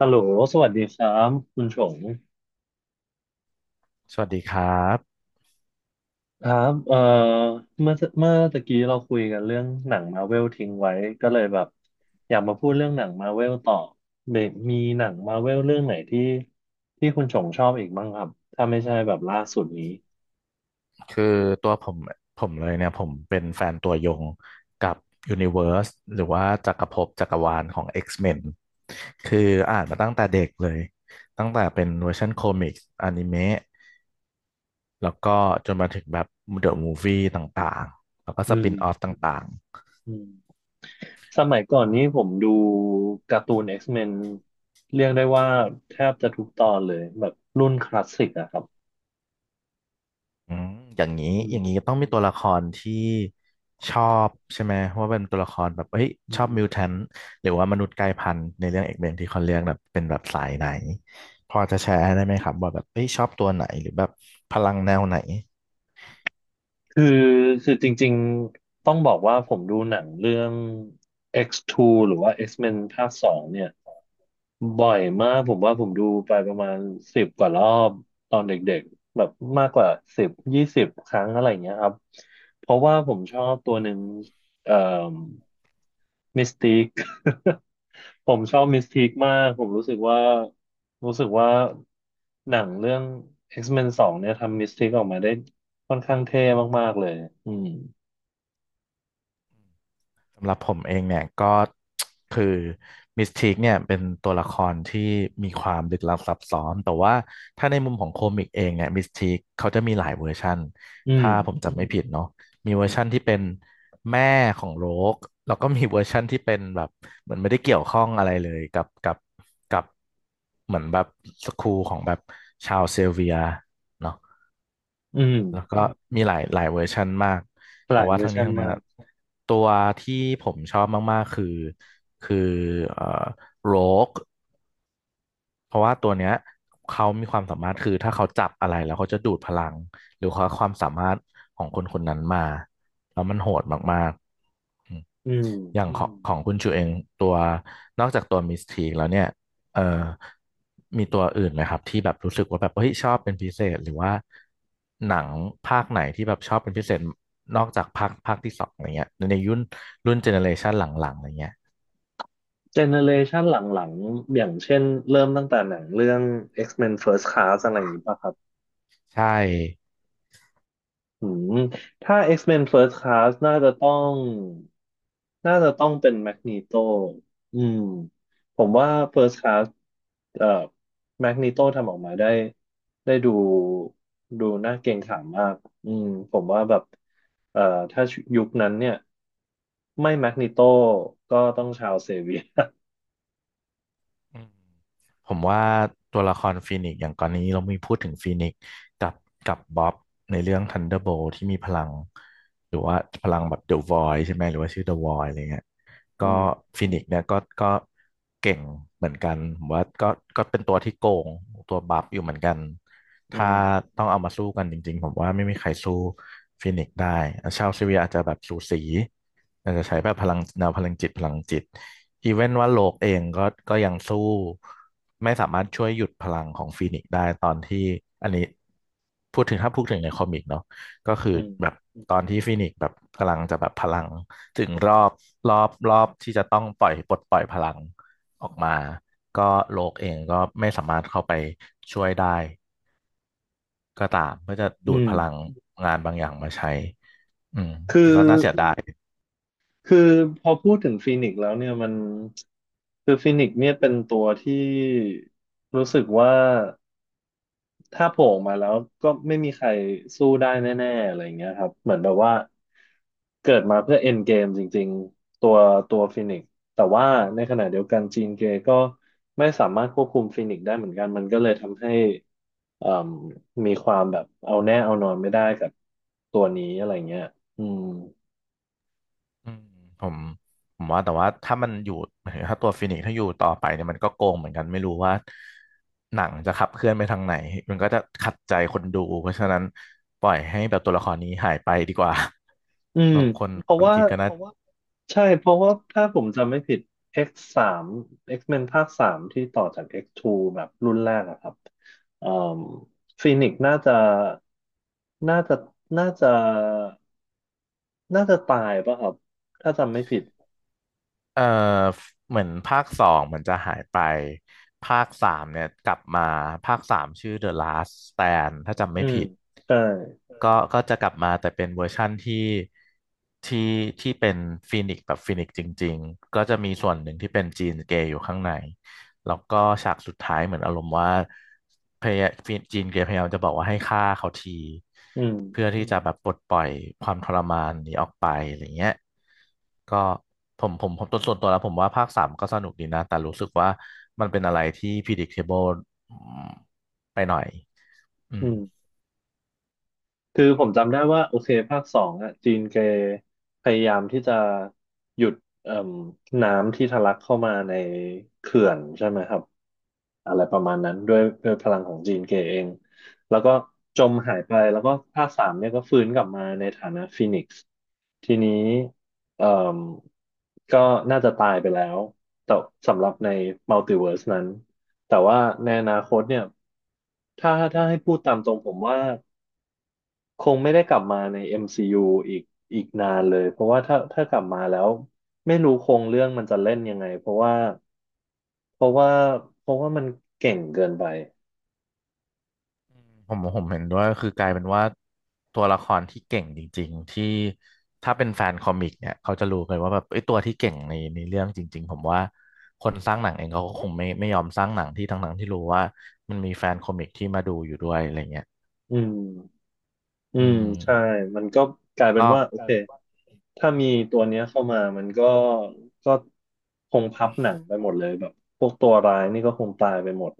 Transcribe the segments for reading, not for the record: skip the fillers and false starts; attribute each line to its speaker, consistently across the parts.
Speaker 1: ฮัลโหลสวัสดีครับคุณชง
Speaker 2: สวัสดีครับ
Speaker 1: ครับเมื่อเมื่อตะกี้เราคุยกันเรื่องหนังมาเวลทิ้งไว้ก็เลยแบบอยากมาพูดเรื่องหนังมาเวลต่อเบกมีหนังมาเวลเรื่องไหนที่ที่คุณชงชอบอีกบ้างครับ ถ้าไม่ใช่แบบล่าสุดนี้
Speaker 2: คือตัวผมผมเลยเนี่ยผมเป็นแฟนตัวยงกับ Universe หรือว่าจักรภพจักรวาลของ X-Men คืออ่านมาตั้งแต่เด็กเลย ตั้งแต่เป็นเวอร์ชันคอมิกส์อนิเมะแล้วก็จนมาถึงแบบ The Movie ต่างๆแล้วก็ส
Speaker 1: อืม
Speaker 2: ปินออฟต่าง
Speaker 1: อืม สมัยก่อนนี้ผมดูการ์ตูน X-Men เรียกได้ว่าแทบจะทุกตอนเลยแบบรุ่นคลาสสิกอะครับ
Speaker 2: อืมอย่างนี้
Speaker 1: อื
Speaker 2: อย่างนี้
Speaker 1: ม
Speaker 2: ก็ต้องมีตัวละครที่ชอบใช่ไหมว่าเป็นตัวละครแบบเฮ้ย
Speaker 1: อื
Speaker 2: ชอบ
Speaker 1: ม
Speaker 2: มิวแทนหรือว่ามนุษย์กลายพันธุ์ในเรื่องเอกเบนที่เขาเรียกแบบเป็นแบบสายไหนพอจะแชร์ได้ไหมครับว่าแบบเฮ้ยชอบตัวไหนหรือแบบพลังแนวไหน
Speaker 1: คือคือจริงๆต้องบอกว่าผมดูหนังเรื่อง X2 หรือว่า X-Men ภาคสองเนี่ยบ่อยมากผมว่าผมดูไปประมาณ10 กว่ารอบตอนเด็กๆแบบมากกว่า10-20 ครั้งอะไรเงี้ยครับเพราะว่าผมชอบตัวหนึ่งเอ่อมิสติก ผมชอบมิสติกมากผมรู้สึกว่ารู้สึกว่าหนังเรื่อง X-Men สองเนี่ยทำมิสติกออกมาได้ค่อนข้างเท่มากๆเลยอืม
Speaker 2: สำหรับผมเองเนี่ยก็ คือมิสทีคเนี่ยเป็นตัวละครที่มีความลึกลับซับซ้อนแต่ว่าถ้าในมุมของโคมิกเองเนี่ยมิสทีคเขาจะมีหลายเวอร์ชัน
Speaker 1: อืม
Speaker 2: ถ้าผมจำไม่ผิดเนาะมีเวอ
Speaker 1: อื
Speaker 2: ร์ชัน
Speaker 1: ม
Speaker 2: ที่เป็นแม่ของโรกแล้วก็มีเวอร์ชันที่เป็นแบบเหมือนไม่ได้เกี่ยวข้องอะไรเลยกับเหมือนแบบสคูลของแบบชาวเซลเวียเนาะ
Speaker 1: อืม
Speaker 2: แล้วก็มีหลายเวอร์ชันมาก
Speaker 1: ห
Speaker 2: แต่
Speaker 1: ลาย
Speaker 2: ว่า
Speaker 1: เวอ
Speaker 2: ทั้ง
Speaker 1: ร์
Speaker 2: นี้
Speaker 1: ชัน
Speaker 2: ทั้งนั้น
Speaker 1: มาก
Speaker 2: อะตัวที่ผมชอบมากๆคือเอ่อโรก เพราะว่าตัวเนี้ยเขามีความสามารถคือถ้าเขาจับอะไรแล้วเขาจะดูดพลังหรือเขาความสามารถของคนคนนั้นมาแล้วมันโหดมากๆอืม
Speaker 1: อืม
Speaker 2: อย่างอืของมของคุณชูเองตัวนอกจากตัวมิสทีกแล้วเนี่ยเอ่อมีตัวอื่นไหมครับที่แบบรู้สึกว่าแบบเฮ้ยชอบเป็นพิเศษหรือว่าหนังภาคไหนที่แบบชอบเป็นพิเศษนอกจากภาคที่สองอะไรเงี้ยในยุครุ่นเจเนอเรชันหลังๆอะไรเงี้ย
Speaker 1: เจเนเรชันหลังๆอย่างเช่นเริ่มตั้งแต่หนังเรื่อง X-Men First Class อะไรอย่างนี้ป่ะครับ
Speaker 2: ใช่
Speaker 1: อืมถ้า X-Men First Class น่าจะต้องเป็นแมกนีโตอืมผมว่า First Class เอ่อแมกนีโตทำออกมาได้ดูน่าเกรงขามมากอืมผมว่าแบบเอ่อถ้ายุคนั้นเนี่ยไม่แมกนีโตก็ต้องชาวเซเวียร์
Speaker 2: อืมผมว่าตัวละครฟีนิกซ์อย่างก่อนนี้เรามีพูดถึงฟีนิกซ์กับกับบ๊อบในเรื่อง Thunderbolt ที่มีพลังหรือว่าพลังแบบ The Void ใช่ไหมหรือว่าชื่อ The Void อะไรเงี้ย
Speaker 1: อื
Speaker 2: ก็
Speaker 1: ม
Speaker 2: ฟีนิกซ์เนี่ยก็เก่งเหมือนกันผมว่าก็ก็เป็นตัวที่โกงตัวบัฟอยู่เหมือนกัน
Speaker 1: อื
Speaker 2: ถ้า
Speaker 1: ม
Speaker 2: ต้องเอามาสู้กันจริงๆผมว่าไม่มีใครสู้ฟีนิกซ์ได้ชาวเซเวียอาจจะแบบสูสีอาจจะใช้แบบพลังแนวพลังจิต อีเวนว่าโลกเองก็ก็ยังสู้ไม่สามารถช่วยหยุดพลังของฟีนิกซ์ได้ตอนที่อันนี้พูดถึงถ้าพูดถึงในคอมิกเนาะก็คือ
Speaker 1: อืม
Speaker 2: แบบตอนที่ฟีนิกซ์แบบกำลังจะแบบพลังถึงรอบที่จะต้องปล่อยปลดปล่อยพลังออกมาก็โลกเองก็ไม่สามารถเข้าไปช่วยได้ก็ตามเพื่อจะ
Speaker 1: อื
Speaker 2: ดูด
Speaker 1: ม
Speaker 2: พลังงานบางอย่างมาใช้อืม
Speaker 1: คือ
Speaker 2: ก็น่าเสียดาย
Speaker 1: คือพอพูดถึงฟีนิกซ์แล้วเนี่ยมันคือฟีนิกซ์เนี่ยเป็นตัวที่รู้สึกว่าถ้าโผล่ออกมาแล้วก็ไม่มีใครสู้ได้แน่ๆอะไรอย่างเงี้ยครับเหมือนแบบว่าเกิดมาเพื่อเอ็นเกมจริงๆตัวฟีนิกซ์แต่ว่าในขณะเดียวกันจีนเกย์ก็ไม่สามารถควบคุมฟีนิกซ์ได้เหมือนกันมันก็เลยทำให้เอ่มมีความแบบเอาแน่เอานอนไม่ได้กับตัวนี้อะไรเงี้ยอืม
Speaker 2: อืมผมผมว่าแต่ว่าถ้ามันอยู่ หมายถึงถ้าตัวฟินิกซ์ถ้าอยู่ต่อไปเนี่ยมันก็โกงเหมือนกันไม่รู้ว่าหนังจะขับเคลื่อนไปทางไหนมันก็จะขัดใจคนดูเพราะฉะนั้นปล่อยให้แบบตัวละครนี้หายไปดีกว่า
Speaker 1: อื ม
Speaker 2: บางคน
Speaker 1: เพ
Speaker 2: ค
Speaker 1: ราะ
Speaker 2: น
Speaker 1: ว่า
Speaker 2: คิดก็นะว่า
Speaker 1: ใช่ เพราะว่าถ้าผมจำไม่ผิด X3 X-Men ภาคสามที่ต่อจาก X 2แบบรุ่นแรกอะครับเอ่มฟีนิกซ์น่าจะ น่าจะ น่าจะตายป่ะครับ ถ้าจำไม่ผิด
Speaker 2: เออเหมือนภาคสองมันจะหายไปภาคสามเนี่ยกลับมาภาคสามชื่อ The Last Stand ถ้าจำไม่
Speaker 1: อืม
Speaker 2: ผิด
Speaker 1: ใช่
Speaker 2: ก็ก็จะกลับมาแต่เป็นเวอร์ชั่นที่ที่เป็นฟีนิกซ์แบบฟีนิกซ์จริงๆก็จะมีส่วนหนึ่งที่เป็นจีนเกย์อยู่ข้างในแล้วก็ฉากสุดท้ายเหมือนอารมณ์ว่าพยายามจีนเกย์พยายามจะบอกว่าให้ฆ่าเขาที
Speaker 1: อืม
Speaker 2: เพื่อที่จะแบบปลดปล่อยความทรมานนี้ออกไปอะไรเงี้ยก็ผมตัวส่วนตัวแล้วผมว่าภาคสามก็สนุกดีนะแต่รู้สึกว่ามันเป็นอะไรที่ predictable ไปหน่อยอื
Speaker 1: อื
Speaker 2: ม
Speaker 1: ม คือผมจำได้ว่าโอเคภาคสองอ่ะจีนแกพยายามที่จะหยุดเอ่มน้ำที่ทะลักเข้ามาในเขื่อนใช่ไหมครับอะไรประมาณนั้นด้วยด้วยพลังของจีนแกเองแล้วก็จมหายไปแล้วก็ภาคสามเนี่ยก็ฟื้นกลับมาในฐานะฟีนิกซ์ทีนี้เอ่มก็น่าจะตายไปแล้วแต่สำหรับในมัลติเวิร์สนั้นแต่ว่าในอนาคตเนี่ยถ้าให้พูดตามตรงผมว่า คงไม่ได้กลับมาใน MCU อมซียูอีกอีกนานเลยเพราะว่าถ้ากลับมาแล้วไม่รู้โครงเรื่องมันจะเล่นยังไง เพราะว่าเพราะว่าเพราะว่ามันเก่งเกินไป
Speaker 2: ผมเห็นด้วยคือกลายเป็นว่าตัวละครที่เก่งจริงๆที่ถ้าเป็นแฟนคอมิกเนี่ยเขาจะรู้เลยว่าแบบไอ้ยตัวที่เก่งในเรื่องจริงๆผมว่าคนสร้างหนังเองเขาก็คงไม่ยอมสร้างหนังที่ทั้งๆที่รู้ว่ามันมีแฟนคอมิกที่มาดูอยู่ด้วยอะไรเงี้ย
Speaker 1: อืมอื
Speaker 2: อื
Speaker 1: ม
Speaker 2: ม
Speaker 1: ใช่มันก็กลายเป็น
Speaker 2: ก็
Speaker 1: ว่าโอ
Speaker 2: กลา
Speaker 1: เค
Speaker 2: ยเป็นว่า
Speaker 1: ถ้ามีตัวเนี้ยเข้ามามันก็คงพับหนังไปหมดเลยแบบพวกตัวร้ายนี่ก็คงตายไปหมด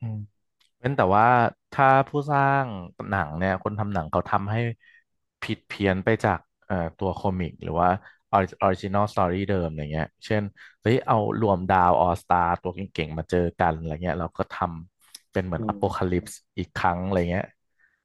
Speaker 2: อืม เว้นแต่ว่าถ้าผู้สร้างหนังเนี่ยคนทำหนังเขาทำให้ผิดเพี้ยนไปจากตัวคอมิกหรือว่าออริจินอลสตอรี่เดิมอะไรเงี้ยเช่นเฮ้ยเอารวมดาวออสตาร์ตัวเก่งๆมาเจอกันอะไรเงี้ยเราก็ทำเป็นเหมือ
Speaker 1: อื
Speaker 2: นอ
Speaker 1: ม
Speaker 2: โ o คาลิปส์อีกครั้งอะไรเงี้ย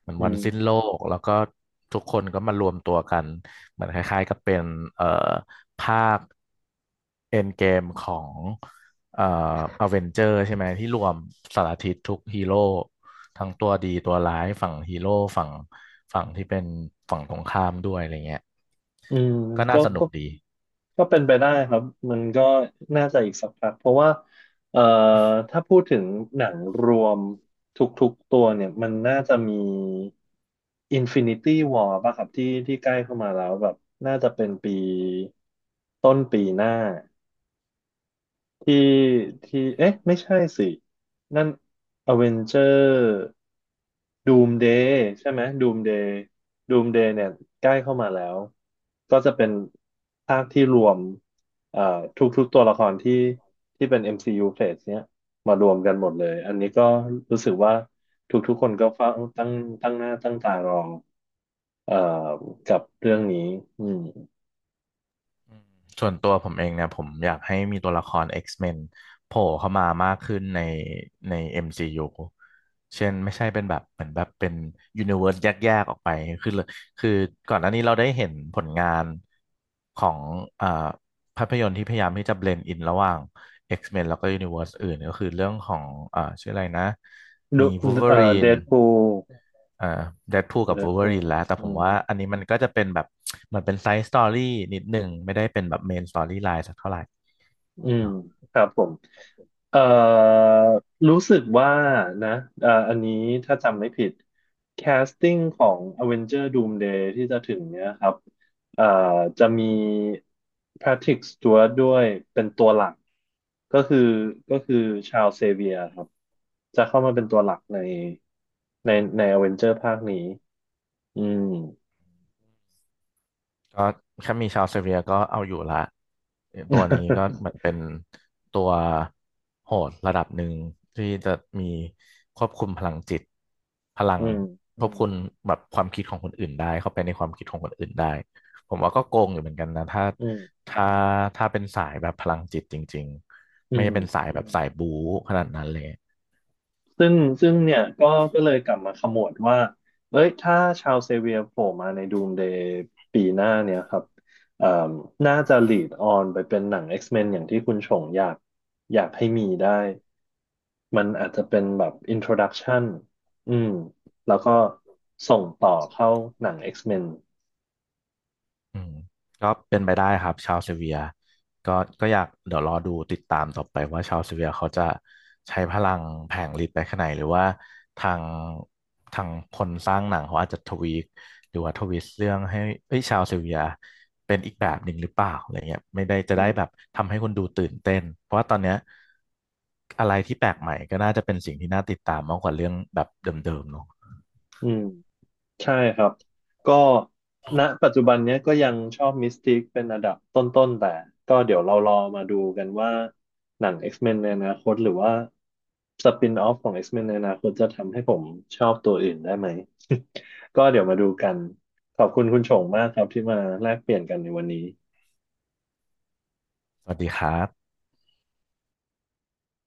Speaker 2: เหมือน
Speaker 1: อื
Speaker 2: วัน
Speaker 1: ม
Speaker 2: สิ้นโลกแล้วก็ทุกคนก็มารวมตัวกันเหมือนคล้ายๆกับเป็นเอ่อภาคเอ็นเกมของ เอ่ออเวนเจอร์ใช่ไหมที่รวมสารทิศทุกฮีโร่ทั้งตัวดีตัวร้ายฝั่งฮีโร่ฝั่งฝั่งที่เป็นฝั่งตรงข้ามด้วยอะไรเงี้ย
Speaker 1: อืม
Speaker 2: ก็น่า
Speaker 1: ก็
Speaker 2: สนุ
Speaker 1: ก็
Speaker 2: กดี
Speaker 1: ก็เป็นไปได้ครับมันก็น่าจะอีกสักพักเพราะว่าเอ่อถ้าพูดถึงหนังรวมทุกๆตัวเนี่ย มันน่าจะมี Infinity War ป่ะครับที่ใกล้เข้ามาแล้วแบบน่าจะเป็นปีต้นปีหน้า ที่ที่เอ๊ะไม่ใช่สินั่นอเวนเจอร์ดูมเดย์ใช่ไหมดูมเดย์ดูมเดย์เนี่ยใกล้เข้ามาแล้วก็จะเป็นภาคที่รวมเอ่อทุกๆตัวละครที่ที่เป็น MCU Phase เนี้ยมารวมกันหมดเลยอันนี้ก็รู้สึกว่าทุกๆคนก็เฝ้าตั้งตั้งหน้าตั้งตารอเอ่อกับเรื่องนี้อืม
Speaker 2: อืมส่วนตัวผมเองเนี่ยผมอยากให้มีตัวละคร X-Men โผล่เข้ามามากขึ้นใน MCU เช่นไม่ใช่เป็นแบบเหมือนแบบเป็นยูนิเว s ร์สแยกๆออกไปคือเลยคือก่อนหน้านี้เราได้เห็นผลงานของอ่าภาพยนตร์ที่พยายามที่จะเบลนด์อินระหว่าง X-Men แล้วก็ยูนิเว s ร์สอื่นก็คือเรื่องของชื่ออะไรนะมี
Speaker 1: ดูเด
Speaker 2: Wolverine
Speaker 1: ดพูล
Speaker 2: เอ่อเดดพูลกับ
Speaker 1: เด
Speaker 2: วู
Speaker 1: ด
Speaker 2: ล์ฟเวอ
Speaker 1: พู
Speaker 2: รี
Speaker 1: ล
Speaker 2: นแล้วแต่ผ
Speaker 1: อื
Speaker 2: ม
Speaker 1: ม
Speaker 2: ว่าอันนี้มันก็จะเป็นแบบเหมือนเป็นไซด์สตอรี่นิดหนึ่งไม่ได้เป็นแบบเมนสตอรี่ไลน์สักเท่าไหร่
Speaker 1: อืม
Speaker 2: เนอะ
Speaker 1: ครับผมเอ่อรู้สึกว่านะอันนี้ถ้าจำไม่ผิดแคสติ้งของ Avenger Doomsday ที่จะถึงเนี้ยครับเอ่อจะมี Patrick Stewart ด้วยเป็นตัวหลักก็คือก็คือชา l เซเวียครับจะเข้ามาเป็นตัวหลักในในใน Avenger ภาคนี้อืม
Speaker 2: ก็แค่มีชาวเซเบียก็เอาอยู่ละตัวนี้ก็เหมื อนเป็นตัวโหดระดับหนึ่งที่จะมีควบคุมพลังจิตพลั
Speaker 1: อื
Speaker 2: ง
Speaker 1: ม
Speaker 2: อืควบมคุมแบบความคิดของคนอื่นได้เข้าไปในความคิดของคนอื่นได้ผมว่าก็โกงอยู่เหมือนกันนะถ้า
Speaker 1: อืม
Speaker 2: ถ้าถ้าเป็นสายแบบพลังจิตจริงๆ
Speaker 1: อื
Speaker 2: ไม่ได้เป็นสา
Speaker 1: ม
Speaker 2: ยอืแบบมสายบู๊ขนาดนั้นเลย
Speaker 1: ซึ่งซึ่งเนี่ยก็เลยกลับมาขมวดว่าเอ้ยถ้าชาวเซเวียโผล่มาในดูมเดย์ปีหน้าเนี่ยครับเอ่มน่าจะ lead on ไปเป็นหนัง X-Men อย่างที่คุณชงอยากให้มีได้ มันอาจจะเป็นแบบ introduction อืมแล้วก็ส่งต่อเข้าหนัง X-Men
Speaker 2: อืมก็เป็นไปได้ครับชาวเซเวียก็ก็อยากเดี๋ยวรอดูติดตามต่อไปว่าชาวเซเวียเขาจะใช้พลังแผงฤทธิ์ไปขนาดไหนหรือว่าทางทางคนสร้างหนังเขาอาจจะทวีคหรือว่าทวิสต์เรื่องให้เอ้ยชาวเซเวียเป็นอีกแบบหนึ่งหรือเปล่าอะไรเงี้ยไม่ได้จะ
Speaker 1: อื
Speaker 2: ได้
Speaker 1: ม
Speaker 2: แบบทำให้คนดูตื่นเต้นเพราะว่าตอนเนี้ยอะไรที่แปลกใหม่ก็น่าจะเป็นสิ่งที่น่าติดตามมากกว่าเรื่องแบบเดิมๆเนาะ
Speaker 1: อืม ใช่ครับก็ณปัจจุบันเนี้ยก็ยังชอบมิสติกเป็นระดับต้นๆแต่ก็เดี๋ยวเรารอมาดูกันว่าหนัง X-Men ในอนาคตหรือว่าสปินออฟของ X-Men ในอนาคตจะทำให้ผมชอบตัวอื่นได้ไหม ก็เดี๋ยวมาดูกันขอบคุณคุณชงมากครับที่มาแลกเปลี่ยนกันในวันนี้
Speaker 2: สวัสดีครับ